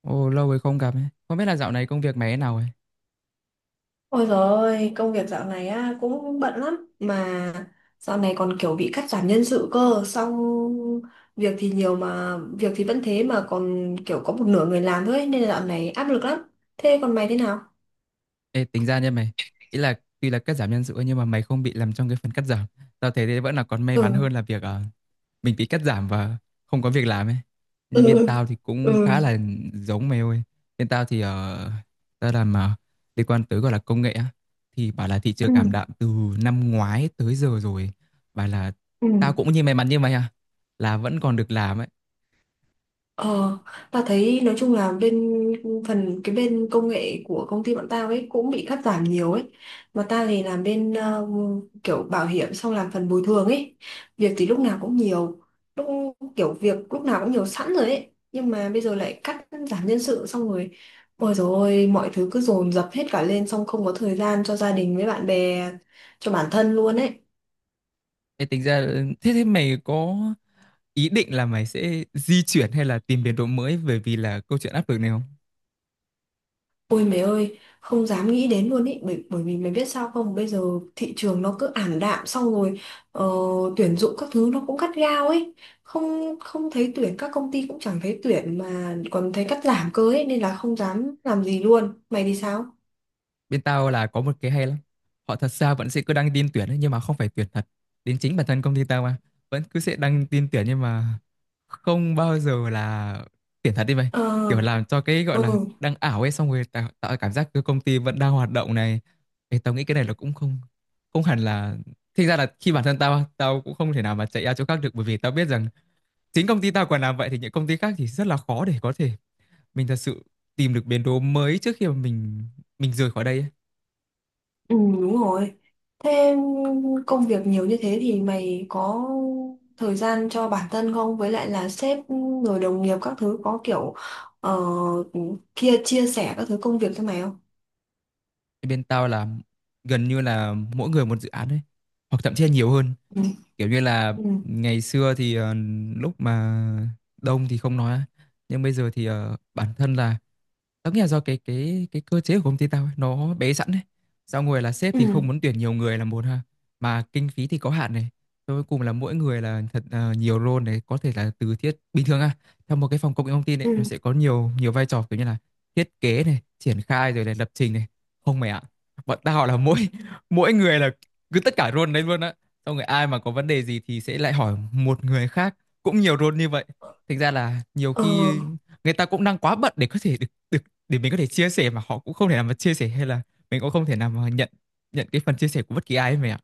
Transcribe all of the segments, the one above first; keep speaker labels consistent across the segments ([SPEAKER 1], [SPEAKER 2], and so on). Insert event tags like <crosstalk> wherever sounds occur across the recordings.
[SPEAKER 1] Ồ, lâu rồi không gặp ấy. Không biết là dạo này công việc mày thế nào ấy.
[SPEAKER 2] Ôi dồi ôi, công việc dạo này á cũng bận lắm mà dạo này còn kiểu bị cắt giảm nhân sự cơ, xong việc thì nhiều mà việc thì vẫn thế mà còn kiểu có một nửa người làm thôi ấy, nên là dạo này áp lực lắm. Thế còn mày thế nào?
[SPEAKER 1] Ê, tính ra nha mày. Ý là tuy là cắt giảm nhân sự ấy, nhưng mà mày không bị làm trong cái phần cắt giảm. Tao thấy thế vẫn là còn may mắn
[SPEAKER 2] Ừ,
[SPEAKER 1] hơn là việc mình bị cắt giảm và không có việc làm ấy. Nhưng bên
[SPEAKER 2] ừ,
[SPEAKER 1] tao thì cũng
[SPEAKER 2] ừ,
[SPEAKER 1] khá là giống mày ơi. Bên tao thì tao làm liên quan tới gọi là công nghệ á. Thì bảo là thị trường
[SPEAKER 2] ừ,
[SPEAKER 1] ảm đạm từ năm ngoái tới giờ rồi. Bảo là
[SPEAKER 2] ừ.
[SPEAKER 1] tao cũng như may mắn như mày à. Là vẫn còn được làm ấy.
[SPEAKER 2] Ờ, ta thấy nói chung là bên phần cái bên công nghệ của công ty bọn tao ấy cũng bị cắt giảm nhiều ấy. Mà ta thì làm bên kiểu bảo hiểm xong làm phần bồi thường ấy. Việc thì lúc nào cũng nhiều, lúc kiểu việc lúc nào cũng nhiều sẵn rồi ấy. Nhưng mà bây giờ lại cắt giảm nhân sự xong rồi. Ôi dồi ôi, mọi thứ cứ dồn dập hết cả lên xong không có thời gian cho gia đình với bạn bè, cho bản thân luôn ấy.
[SPEAKER 1] Ê, tính ra thế thế mày có ý định là mày sẽ di chuyển hay là tìm biến đổi mới bởi vì là câu chuyện áp lực này không?
[SPEAKER 2] Ôi mẹ ơi, không dám nghĩ đến luôn ý, bởi vì mày biết sao không, bây giờ thị trường nó cứ ảm đạm xong rồi ờ, tuyển dụng các thứ nó cũng cắt gao ấy, không không thấy tuyển, các công ty cũng chẳng thấy tuyển mà còn thấy cắt giảm cơ ấy, nên là không dám làm gì luôn, mày thì sao?
[SPEAKER 1] Bên tao là có một cái hay lắm. Họ thật ra vẫn sẽ cứ đăng tin tuyển ấy, nhưng mà không phải tuyển thật. Đến chính bản thân công ty tao mà vẫn cứ sẽ đăng tin tuyển nhưng mà không bao giờ là tuyển thật đi mày.
[SPEAKER 2] Ờ,
[SPEAKER 1] Kiểu làm cho cái gọi là
[SPEAKER 2] ừ.
[SPEAKER 1] đăng ảo ấy xong rồi tạo cảm giác cái công ty vẫn đang hoạt động này. Ê, tao nghĩ cái này là cũng không không hẳn là thực ra là khi bản thân tao tao cũng không thể nào mà chạy ra chỗ khác được bởi vì tao biết rằng chính công ty tao còn làm vậy thì những công ty khác thì rất là khó để có thể mình thật sự tìm được biến đố mới trước khi mà mình rời khỏi đây ấy.
[SPEAKER 2] Ừ, đúng rồi. Thế công việc nhiều như thế thì mày có thời gian cho bản thân không? Với lại là sếp rồi đồng nghiệp các thứ có kiểu ờ, kia chia sẻ các thứ công việc cho mày không?
[SPEAKER 1] Thì bên tao là gần như là mỗi người một dự án ấy hoặc thậm chí là nhiều hơn,
[SPEAKER 2] Ừ.
[SPEAKER 1] kiểu như là
[SPEAKER 2] Ừ.
[SPEAKER 1] ngày xưa thì lúc mà đông thì không nói á. Nhưng bây giờ thì bản thân là tớ nghĩ là do cái cơ chế của công ty tao ấy, nó bé sẵn đấy. Xong rồi là sếp thì không
[SPEAKER 2] Ừ.
[SPEAKER 1] muốn tuyển nhiều người là một ha, mà kinh phí thì có hạn này. Rồi cuối cùng là mỗi người là thật nhiều role này, có thể là từ thiết bình thường à, theo một cái phòng công nghệ thông tin ấy, nó
[SPEAKER 2] Ừ.
[SPEAKER 1] sẽ có nhiều nhiều vai trò kiểu như là thiết kế này, triển khai rồi này, lập trình này. Không mày ạ. Bọn tao là mỗi <laughs> mỗi người là cứ tất cả role đấy luôn á. Xong rồi ai mà có vấn đề gì thì sẽ lại hỏi một người khác cũng nhiều role như vậy. Thành ra là nhiều
[SPEAKER 2] Ờ,
[SPEAKER 1] khi người ta cũng đang quá bận để có thể được để mình có thể chia sẻ mà họ cũng không thể nào mà chia sẻ hay là mình cũng không thể nào mà nhận nhận cái phần chia sẻ của bất kỳ ai ấy mày ạ.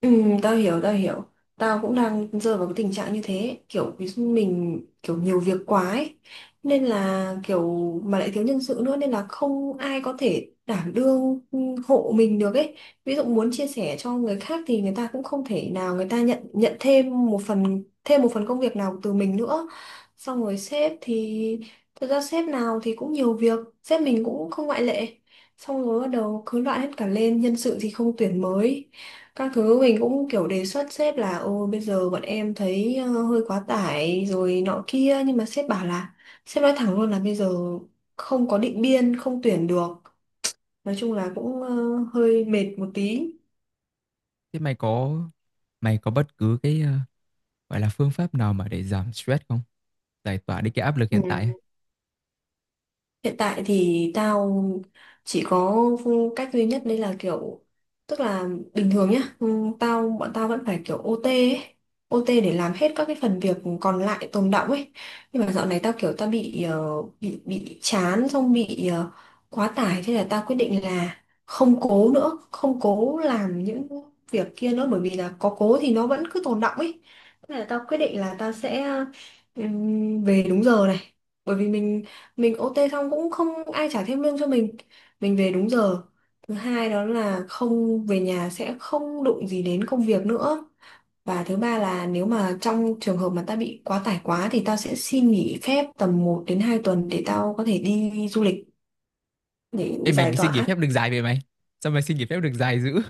[SPEAKER 2] ừ, tao hiểu, tao hiểu. Tao cũng đang rơi vào cái tình trạng như thế. Kiểu ví dụ mình kiểu nhiều việc quá ấy. Nên là kiểu mà lại thiếu nhân sự nữa nên là không ai có thể đảm đương hộ mình được ấy. Ví dụ muốn chia sẻ cho người khác thì người ta cũng không thể nào người ta nhận nhận thêm một phần công việc nào từ mình nữa. Xong rồi sếp thì thật ra sếp nào thì cũng nhiều việc, sếp mình cũng không ngoại lệ. Xong rồi bắt đầu cứ loạn hết cả lên, nhân sự thì không tuyển mới các thứ mình cũng kiểu đề xuất sếp là ô bây giờ bọn em thấy hơi quá tải rồi nọ kia nhưng mà sếp bảo là sếp nói thẳng luôn là bây giờ không có định biên không tuyển được nói chung là cũng hơi mệt một tí.
[SPEAKER 1] Thế mày có bất cứ cái gọi là phương pháp nào mà để giảm stress không? Giải tỏa đi cái áp lực hiện tại ấy.
[SPEAKER 2] Ừ. Hiện tại thì tao chỉ có cách duy nhất đấy là kiểu tức là bình thường nhá, bọn tao vẫn phải kiểu OT ấy, OT để làm hết các cái phần việc còn lại tồn đọng ấy. Nhưng mà dạo này tao kiểu bị bị chán xong bị quá tải thế là tao quyết định là không cố nữa, không cố làm những việc kia nữa bởi vì là có cố thì nó vẫn cứ tồn đọng ấy. Thế là tao quyết định là tao sẽ về đúng giờ này bởi vì mình OT xong cũng không ai trả thêm lương cho mình. Mình về đúng giờ thứ hai đó là không về nhà sẽ không đụng gì đến công việc nữa và thứ ba là nếu mà trong trường hợp mà ta bị quá tải quá thì tao sẽ xin nghỉ phép tầm 1 đến 2 tuần để tao có thể đi du lịch để
[SPEAKER 1] Ê mày
[SPEAKER 2] giải
[SPEAKER 1] xin nghỉ
[SPEAKER 2] tỏa.
[SPEAKER 1] phép được dài về mày. Sao mày xin nghỉ phép được dài dữ?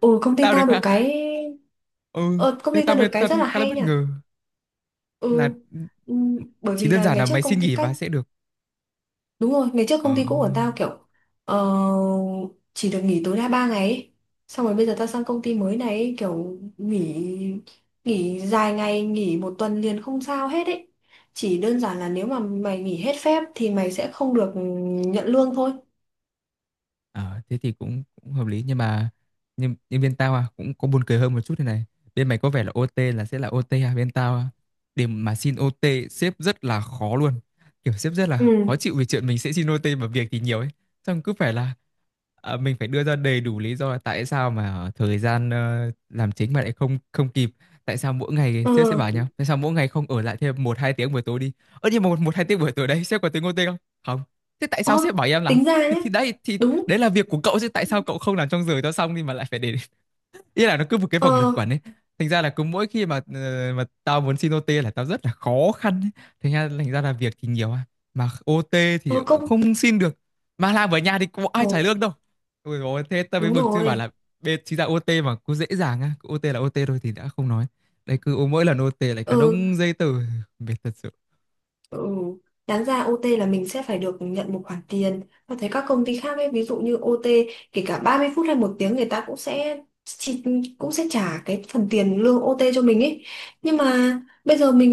[SPEAKER 2] Ừ, công
[SPEAKER 1] <laughs>
[SPEAKER 2] ty
[SPEAKER 1] Tao
[SPEAKER 2] tao
[SPEAKER 1] được
[SPEAKER 2] được
[SPEAKER 1] hả?
[SPEAKER 2] cái
[SPEAKER 1] Ừ,
[SPEAKER 2] ờ, công
[SPEAKER 1] thế
[SPEAKER 2] ty
[SPEAKER 1] tao
[SPEAKER 2] tao được cái
[SPEAKER 1] tao
[SPEAKER 2] rất
[SPEAKER 1] thấy
[SPEAKER 2] là
[SPEAKER 1] khá là
[SPEAKER 2] hay
[SPEAKER 1] bất
[SPEAKER 2] nha.
[SPEAKER 1] ngờ là
[SPEAKER 2] Ừ. Ừ, bởi
[SPEAKER 1] chỉ
[SPEAKER 2] vì
[SPEAKER 1] đơn
[SPEAKER 2] là
[SPEAKER 1] giản
[SPEAKER 2] ngày
[SPEAKER 1] là
[SPEAKER 2] trước
[SPEAKER 1] mày xin
[SPEAKER 2] công ty
[SPEAKER 1] nghỉ
[SPEAKER 2] các
[SPEAKER 1] và sẽ được
[SPEAKER 2] đúng rồi, ngày trước
[SPEAKER 1] ờ,
[SPEAKER 2] công ty cũ của tao kiểu ờ, chỉ được nghỉ tối đa 3 ngày ấy. Xong rồi bây giờ tao sang công ty mới này ấy, kiểu nghỉ nghỉ dài ngày, nghỉ 1 tuần liền không sao hết ấy. Chỉ đơn giản là nếu mà mày nghỉ hết phép thì mày sẽ không được nhận lương thôi.
[SPEAKER 1] Ờ, thế thì cũng cũng hợp lý nhưng mà nhưng bên tao à cũng có buồn cười hơn một chút thế này, bên mày có vẻ là OT là sẽ là OT à, bên tao à, để mà xin OT sếp rất là khó luôn, kiểu sếp rất là khó
[SPEAKER 2] Ừ.
[SPEAKER 1] chịu vì chuyện mình sẽ xin OT mà việc thì nhiều ấy, xong cứ phải là à, mình phải đưa ra đầy đủ lý do là tại sao mà thời gian làm chính mà lại không không kịp, tại sao mỗi ngày
[SPEAKER 2] Ờ,
[SPEAKER 1] sếp sẽ bảo nhau tại sao mỗi ngày không ở lại thêm một hai tiếng buổi tối đi, ơ nhưng mà một một hai tiếng buổi tối đấy sếp có tính OT không? Không. Thế tại sao sếp
[SPEAKER 2] ơ,
[SPEAKER 1] bảo em làm?
[SPEAKER 2] tính ra
[SPEAKER 1] Thì
[SPEAKER 2] nhé.
[SPEAKER 1] đấy thì
[SPEAKER 2] Đúng.
[SPEAKER 1] đấy là việc của cậu chứ tại sao cậu không làm trong giờ cho xong đi mà lại phải để <laughs> ý là nó cứ một cái vòng luẩn
[SPEAKER 2] Ờ,
[SPEAKER 1] quẩn ấy, thành ra là cứ mỗi khi mà mà tao muốn xin OT là tao rất là khó khăn ấy. Thành ra là việc thì nhiều à mà OT thì
[SPEAKER 2] ờ
[SPEAKER 1] cũng
[SPEAKER 2] công.
[SPEAKER 1] không xin được, mà làm ở nhà thì có ai
[SPEAKER 2] Ờ,
[SPEAKER 1] trả lương đâu. Ôi dồi ôi, thế tao mới
[SPEAKER 2] đúng
[SPEAKER 1] bực chứ bảo
[SPEAKER 2] rồi.
[SPEAKER 1] là bên chính ra OT mà cứ dễ dàng á, cứ OT là OT thôi thì đã không nói, đây cứ mỗi lần OT lại
[SPEAKER 2] Ờ,
[SPEAKER 1] cả đống giấy tờ, mệt thật sự.
[SPEAKER 2] ừ. Đáng ra OT là mình sẽ phải được nhận một khoản tiền. Và thấy các công ty khác ấy, ví dụ như OT kể cả 30 phút hay 1 tiếng người ta cũng sẽ cũng sẽ trả cái phần tiền lương OT cho mình ấy. Nhưng mà bây giờ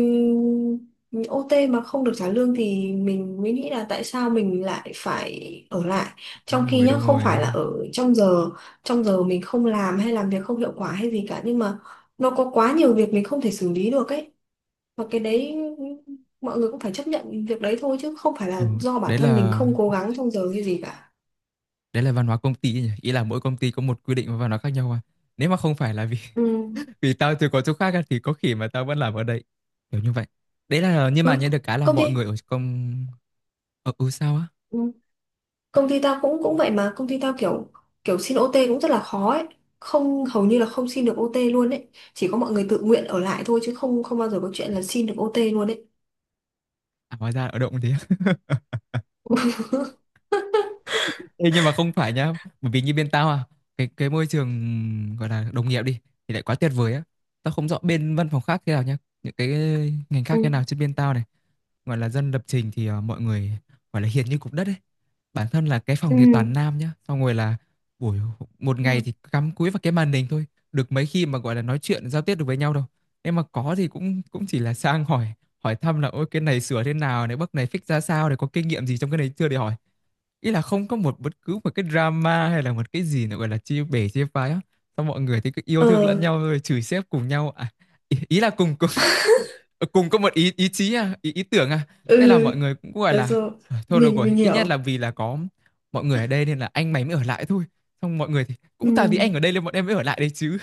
[SPEAKER 2] mình OT mà không được trả lương thì mình mới nghĩ là tại sao mình lại phải ở lại. Trong
[SPEAKER 1] đúng
[SPEAKER 2] khi
[SPEAKER 1] rồi
[SPEAKER 2] nhá,
[SPEAKER 1] đúng
[SPEAKER 2] không
[SPEAKER 1] rồi
[SPEAKER 2] phải là ở trong giờ mình không làm hay làm việc không hiệu quả hay gì cả nhưng mà nó có quá nhiều việc mình không thể xử lý được ấy và cái đấy mọi người cũng phải chấp nhận việc đấy thôi chứ không phải
[SPEAKER 1] Ờ,
[SPEAKER 2] là do bản
[SPEAKER 1] đấy
[SPEAKER 2] thân mình
[SPEAKER 1] là
[SPEAKER 2] không cố gắng trong giờ hay gì cả.
[SPEAKER 1] văn hóa công ty nhỉ, ý là mỗi công ty có một quy định và văn hóa khác nhau à, nếu mà không phải là vì
[SPEAKER 2] Ừ.
[SPEAKER 1] <laughs> vì tao từ có chỗ khác à, thì có khi mà tao vẫn làm ở đây kiểu như vậy, đấy là nhưng mà
[SPEAKER 2] ừ.
[SPEAKER 1] nhận được cái là
[SPEAKER 2] công
[SPEAKER 1] mọi
[SPEAKER 2] ty
[SPEAKER 1] người ở công, ở ừ, sao á,
[SPEAKER 2] ừ. Công ty tao cũng cũng vậy mà công ty tao kiểu kiểu xin OT cũng rất là khó ấy không hầu như là không xin được OT luôn ấy chỉ có mọi người tự nguyện ở lại thôi chứ không không bao giờ có chuyện là xin được OT luôn ấy.
[SPEAKER 1] à hóa ra ở động thế. <laughs> Ê, nhưng mà không phải nhá, bởi vì như bên tao à, cái môi trường gọi là đồng nghiệp đi thì lại quá tuyệt vời á. Tao không rõ bên văn phòng khác thế nào nhá, những cái ngành
[SPEAKER 2] Ừ.
[SPEAKER 1] khác thế nào, trên bên tao này gọi là dân lập trình thì mọi người gọi là hiền như cục đất ấy, bản thân là cái
[SPEAKER 2] Ừ.
[SPEAKER 1] phòng thì toàn nam nhá, xong rồi là buổi một
[SPEAKER 2] Đúng
[SPEAKER 1] ngày
[SPEAKER 2] rồi.
[SPEAKER 1] thì cắm cúi vào cái màn hình thôi, được mấy khi mà gọi là nói chuyện giao tiếp được với nhau đâu, em mà có thì cũng cũng chỉ là sang hỏi, hỏi thăm là ôi cái này sửa thế nào này, bước này fix ra sao, để có kinh nghiệm gì trong cái này chưa để hỏi, ý là không có một bất cứ một cái drama hay là một cái gì nữa gọi là chia bể chia phái á, xong mọi người thì cứ yêu
[SPEAKER 2] Ờ,
[SPEAKER 1] thương lẫn nhau rồi chửi sếp cùng nhau à, ý là cùng cùng Ờ, cùng có một ý ý chí à, ý ý tưởng à, thế là
[SPEAKER 2] ừ,
[SPEAKER 1] mọi người cũng gọi
[SPEAKER 2] được
[SPEAKER 1] là
[SPEAKER 2] rồi,
[SPEAKER 1] "Ờ, thôi được
[SPEAKER 2] mình
[SPEAKER 1] rồi, ít nhất là
[SPEAKER 2] hiểu.
[SPEAKER 1] vì là có mọi người ở đây nên là anh mày mới ở lại thôi", xong mọi người thì
[SPEAKER 2] Ừ.
[SPEAKER 1] cũng tại vì anh ở đây nên bọn em mới ở lại đây chứ.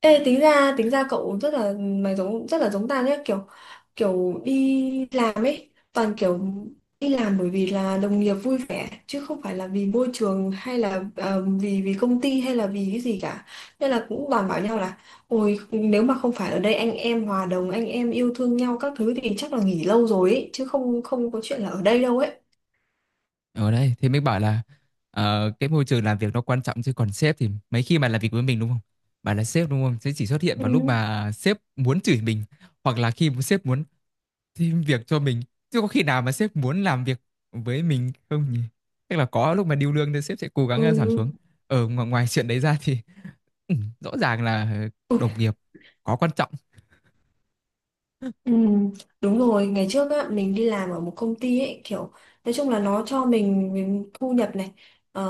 [SPEAKER 2] Ê, tính ra cậu rất là mày giống rất là giống ta nhé, kiểu kiểu đi làm ấy toàn kiểu đi làm bởi vì là đồng nghiệp vui vẻ chứ không phải là vì môi trường hay là vì vì công ty hay là vì cái gì cả nên là cũng toàn bảo nhau là ôi nếu mà không phải ở đây anh em hòa đồng anh em yêu thương nhau các thứ thì chắc là nghỉ lâu rồi ấy chứ không không có chuyện là ở đây đâu ấy.
[SPEAKER 1] Ở đây thì mình bảo là cái môi trường làm việc nó quan trọng, chứ còn sếp thì mấy khi mà làm việc với mình đúng không, bạn là sếp đúng không sẽ chỉ xuất hiện vào lúc
[SPEAKER 2] Ừ.
[SPEAKER 1] mà sếp muốn chửi mình, hoặc là khi sếp muốn thêm việc cho mình, chứ có khi nào mà sếp muốn làm việc với mình không nhỉ, tức là có lúc mà điêu lương thì sếp sẽ cố gắng
[SPEAKER 2] Ừ.
[SPEAKER 1] giảm xuống. Ở ngoài chuyện đấy ra thì <laughs> ừ, rõ ràng là đồng nghiệp có quan trọng.
[SPEAKER 2] Ừ, đúng rồi, ngày trước á, mình đi làm ở một công ty ấy, kiểu nói chung là nó cho mình thu nhập này, ờ,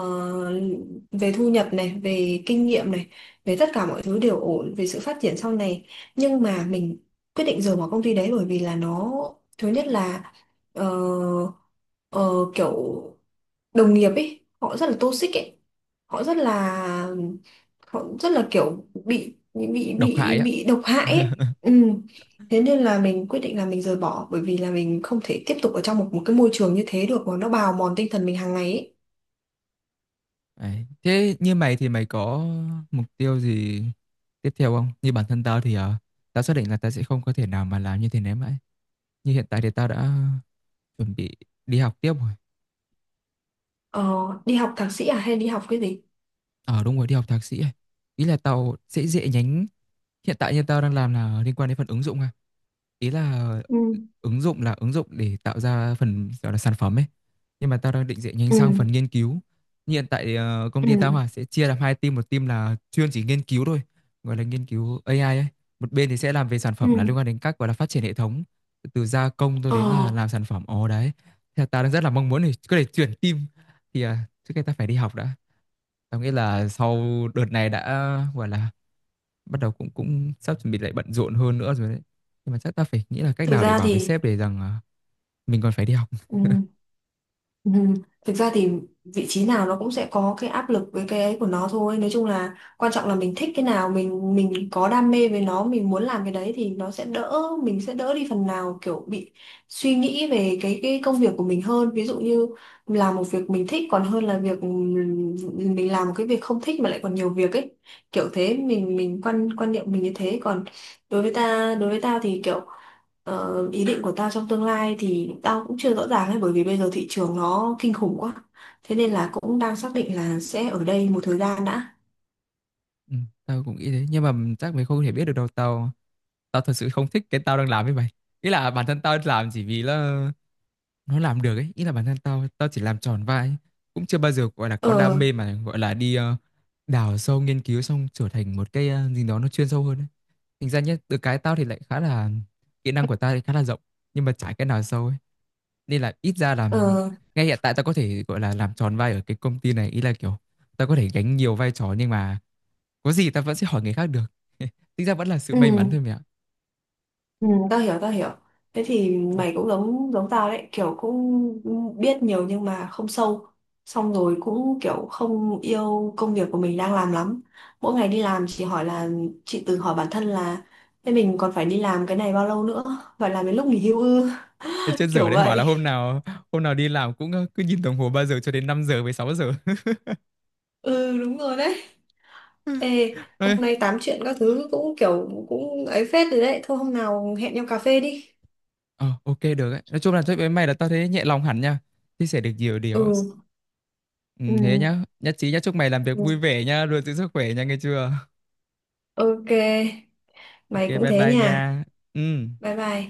[SPEAKER 2] về thu nhập này, về kinh nghiệm này, về tất cả mọi thứ đều ổn, về sự phát triển sau này. Nhưng mà mình quyết định rời bỏ công ty đấy bởi vì là nó, thứ nhất là ờ, ờ, kiểu đồng nghiệp ấy, họ rất là toxic ấy, họ rất là họ rất là kiểu
[SPEAKER 1] Độc hại á,
[SPEAKER 2] bị độc hại ấy. Ừ. Thế nên là mình quyết định là mình rời bỏ bởi vì là mình không thể tiếp tục ở trong một một cái môi trường như thế được mà nó bào mòn tinh thần mình hàng ngày ấy.
[SPEAKER 1] đấy. Thế như mày thì mày có mục tiêu gì tiếp theo không, như bản thân tao thì tao xác định là tao sẽ không có thể nào mà làm như thế này mãi, như hiện tại thì tao đã chuẩn bị đi học tiếp rồi.
[SPEAKER 2] Ờ, đi học thạc sĩ à hay đi học cái gì?
[SPEAKER 1] Ờ đúng rồi, đi học thạc sĩ ấy. Ý là tao sẽ dễ nhánh. Hiện tại như tao đang làm là liên quan đến phần ứng dụng à. Ý
[SPEAKER 2] Ừ.
[SPEAKER 1] là ứng dụng để tạo ra phần gọi là sản phẩm ấy. Nhưng mà tao đang định chuyển nhanh
[SPEAKER 2] Ừ.
[SPEAKER 1] sang phần nghiên cứu. Như hiện tại công ty tao
[SPEAKER 2] Ừ.
[SPEAKER 1] à, sẽ chia làm hai team, một team là chuyên chỉ nghiên cứu thôi, gọi là nghiên cứu AI ấy. Một bên thì sẽ làm về sản phẩm là
[SPEAKER 2] Ừ.
[SPEAKER 1] liên quan đến các gọi là phát triển hệ thống từ gia công cho
[SPEAKER 2] Ờ,
[SPEAKER 1] đến là làm sản phẩm. Ồ đấy. Thì tao đang rất là mong muốn để có thể chuyển team, thì à, trước kia tao phải đi học đã. Tao nghĩ là sau đợt này đã gọi là bắt đầu cũng cũng sắp chuẩn bị lại bận rộn hơn nữa rồi đấy, nhưng mà chắc ta phải nghĩ là cách
[SPEAKER 2] thực
[SPEAKER 1] nào để
[SPEAKER 2] ra
[SPEAKER 1] bảo với
[SPEAKER 2] thì.
[SPEAKER 1] sếp để rằng à, mình còn phải đi học.
[SPEAKER 2] Ừ. Ừ. Thực ra thì vị trí nào nó cũng sẽ có cái áp lực với cái ấy của nó thôi. Nói chung là quan trọng là mình thích cái nào, mình có đam mê với nó, mình muốn làm cái đấy thì nó sẽ đỡ, mình sẽ đỡ đi phần nào kiểu bị suy nghĩ về cái công việc của mình hơn. Ví dụ như làm một việc mình thích còn hơn là việc mình làm một cái việc không thích mà lại còn nhiều việc ấy. Kiểu thế mình quan quan niệm mình như thế còn đối với tao thì kiểu. Ờ, ý định của tao trong tương lai thì tao cũng chưa rõ ràng ấy bởi vì bây giờ thị trường nó kinh khủng quá. Thế nên là cũng đang xác định là sẽ ở đây một thời gian đã.
[SPEAKER 1] Ừ, tao cũng nghĩ thế nhưng mà chắc mày không thể biết được đâu, tao tao thật sự không thích cái tao đang làm với mày, ý là bản thân tao làm chỉ vì là nó làm được ấy, ý là bản thân tao tao chỉ làm tròn vai ấy. Cũng chưa bao giờ gọi là có đam
[SPEAKER 2] Ờ,
[SPEAKER 1] mê mà gọi là đi đào sâu nghiên cứu xong trở thành một cái gì đó nó chuyên sâu hơn ấy. Thành ra nhé từ cái tao thì lại khá là, kỹ năng của tao thì khá là rộng nhưng mà chả cái nào sâu ấy, nên là ít ra là
[SPEAKER 2] ờ,
[SPEAKER 1] ngay hiện tại tao có thể gọi là làm tròn vai ở cái công ty này, ý là kiểu tao có thể gánh nhiều vai trò nhưng mà có gì tao vẫn sẽ hỏi người khác được. <laughs> Tính ra vẫn là sự may mắn
[SPEAKER 2] ừ,
[SPEAKER 1] thôi mẹ ạ.
[SPEAKER 2] ừ, tao hiểu, tao hiểu. Thế thì mày cũng giống giống tao đấy, kiểu cũng biết nhiều nhưng mà không sâu. Xong rồi cũng kiểu không yêu công việc của mình đang làm lắm. Mỗi ngày đi làm chỉ hỏi là tự hỏi bản thân là thế mình còn phải đi làm cái này bao lâu nữa? Phải làm đến lúc nghỉ hưu ư?
[SPEAKER 1] Thế chết
[SPEAKER 2] <laughs> Kiểu
[SPEAKER 1] dở đấy, bảo là
[SPEAKER 2] vậy.
[SPEAKER 1] hôm nào đi làm cũng cứ nhìn đồng hồ 3 giờ cho đến 5 giờ với sáu giờ. <laughs>
[SPEAKER 2] Ừ, đúng rồi đấy. Ê,
[SPEAKER 1] Ê,
[SPEAKER 2] hôm nay tám chuyện các thứ cũng kiểu cũng ấy phết rồi đấy. Thôi hôm nào hẹn nhau cà phê đi.
[SPEAKER 1] ờ, ok được ấy. Nói chung là chúc với mày là tao thấy nhẹ lòng hẳn nha, chia sẻ được nhiều điều á.
[SPEAKER 2] Ừ.
[SPEAKER 1] Ừ,
[SPEAKER 2] Ừ.
[SPEAKER 1] thế nhá nhất trí nhá, chúc mày làm việc
[SPEAKER 2] Ừ.
[SPEAKER 1] vui vẻ nha, luôn giữ sức khỏe nha nghe chưa.
[SPEAKER 2] Ok.
[SPEAKER 1] Ok
[SPEAKER 2] Mày cũng
[SPEAKER 1] bye
[SPEAKER 2] thế
[SPEAKER 1] bye nha.
[SPEAKER 2] nha.
[SPEAKER 1] Ừ.
[SPEAKER 2] Bye bye.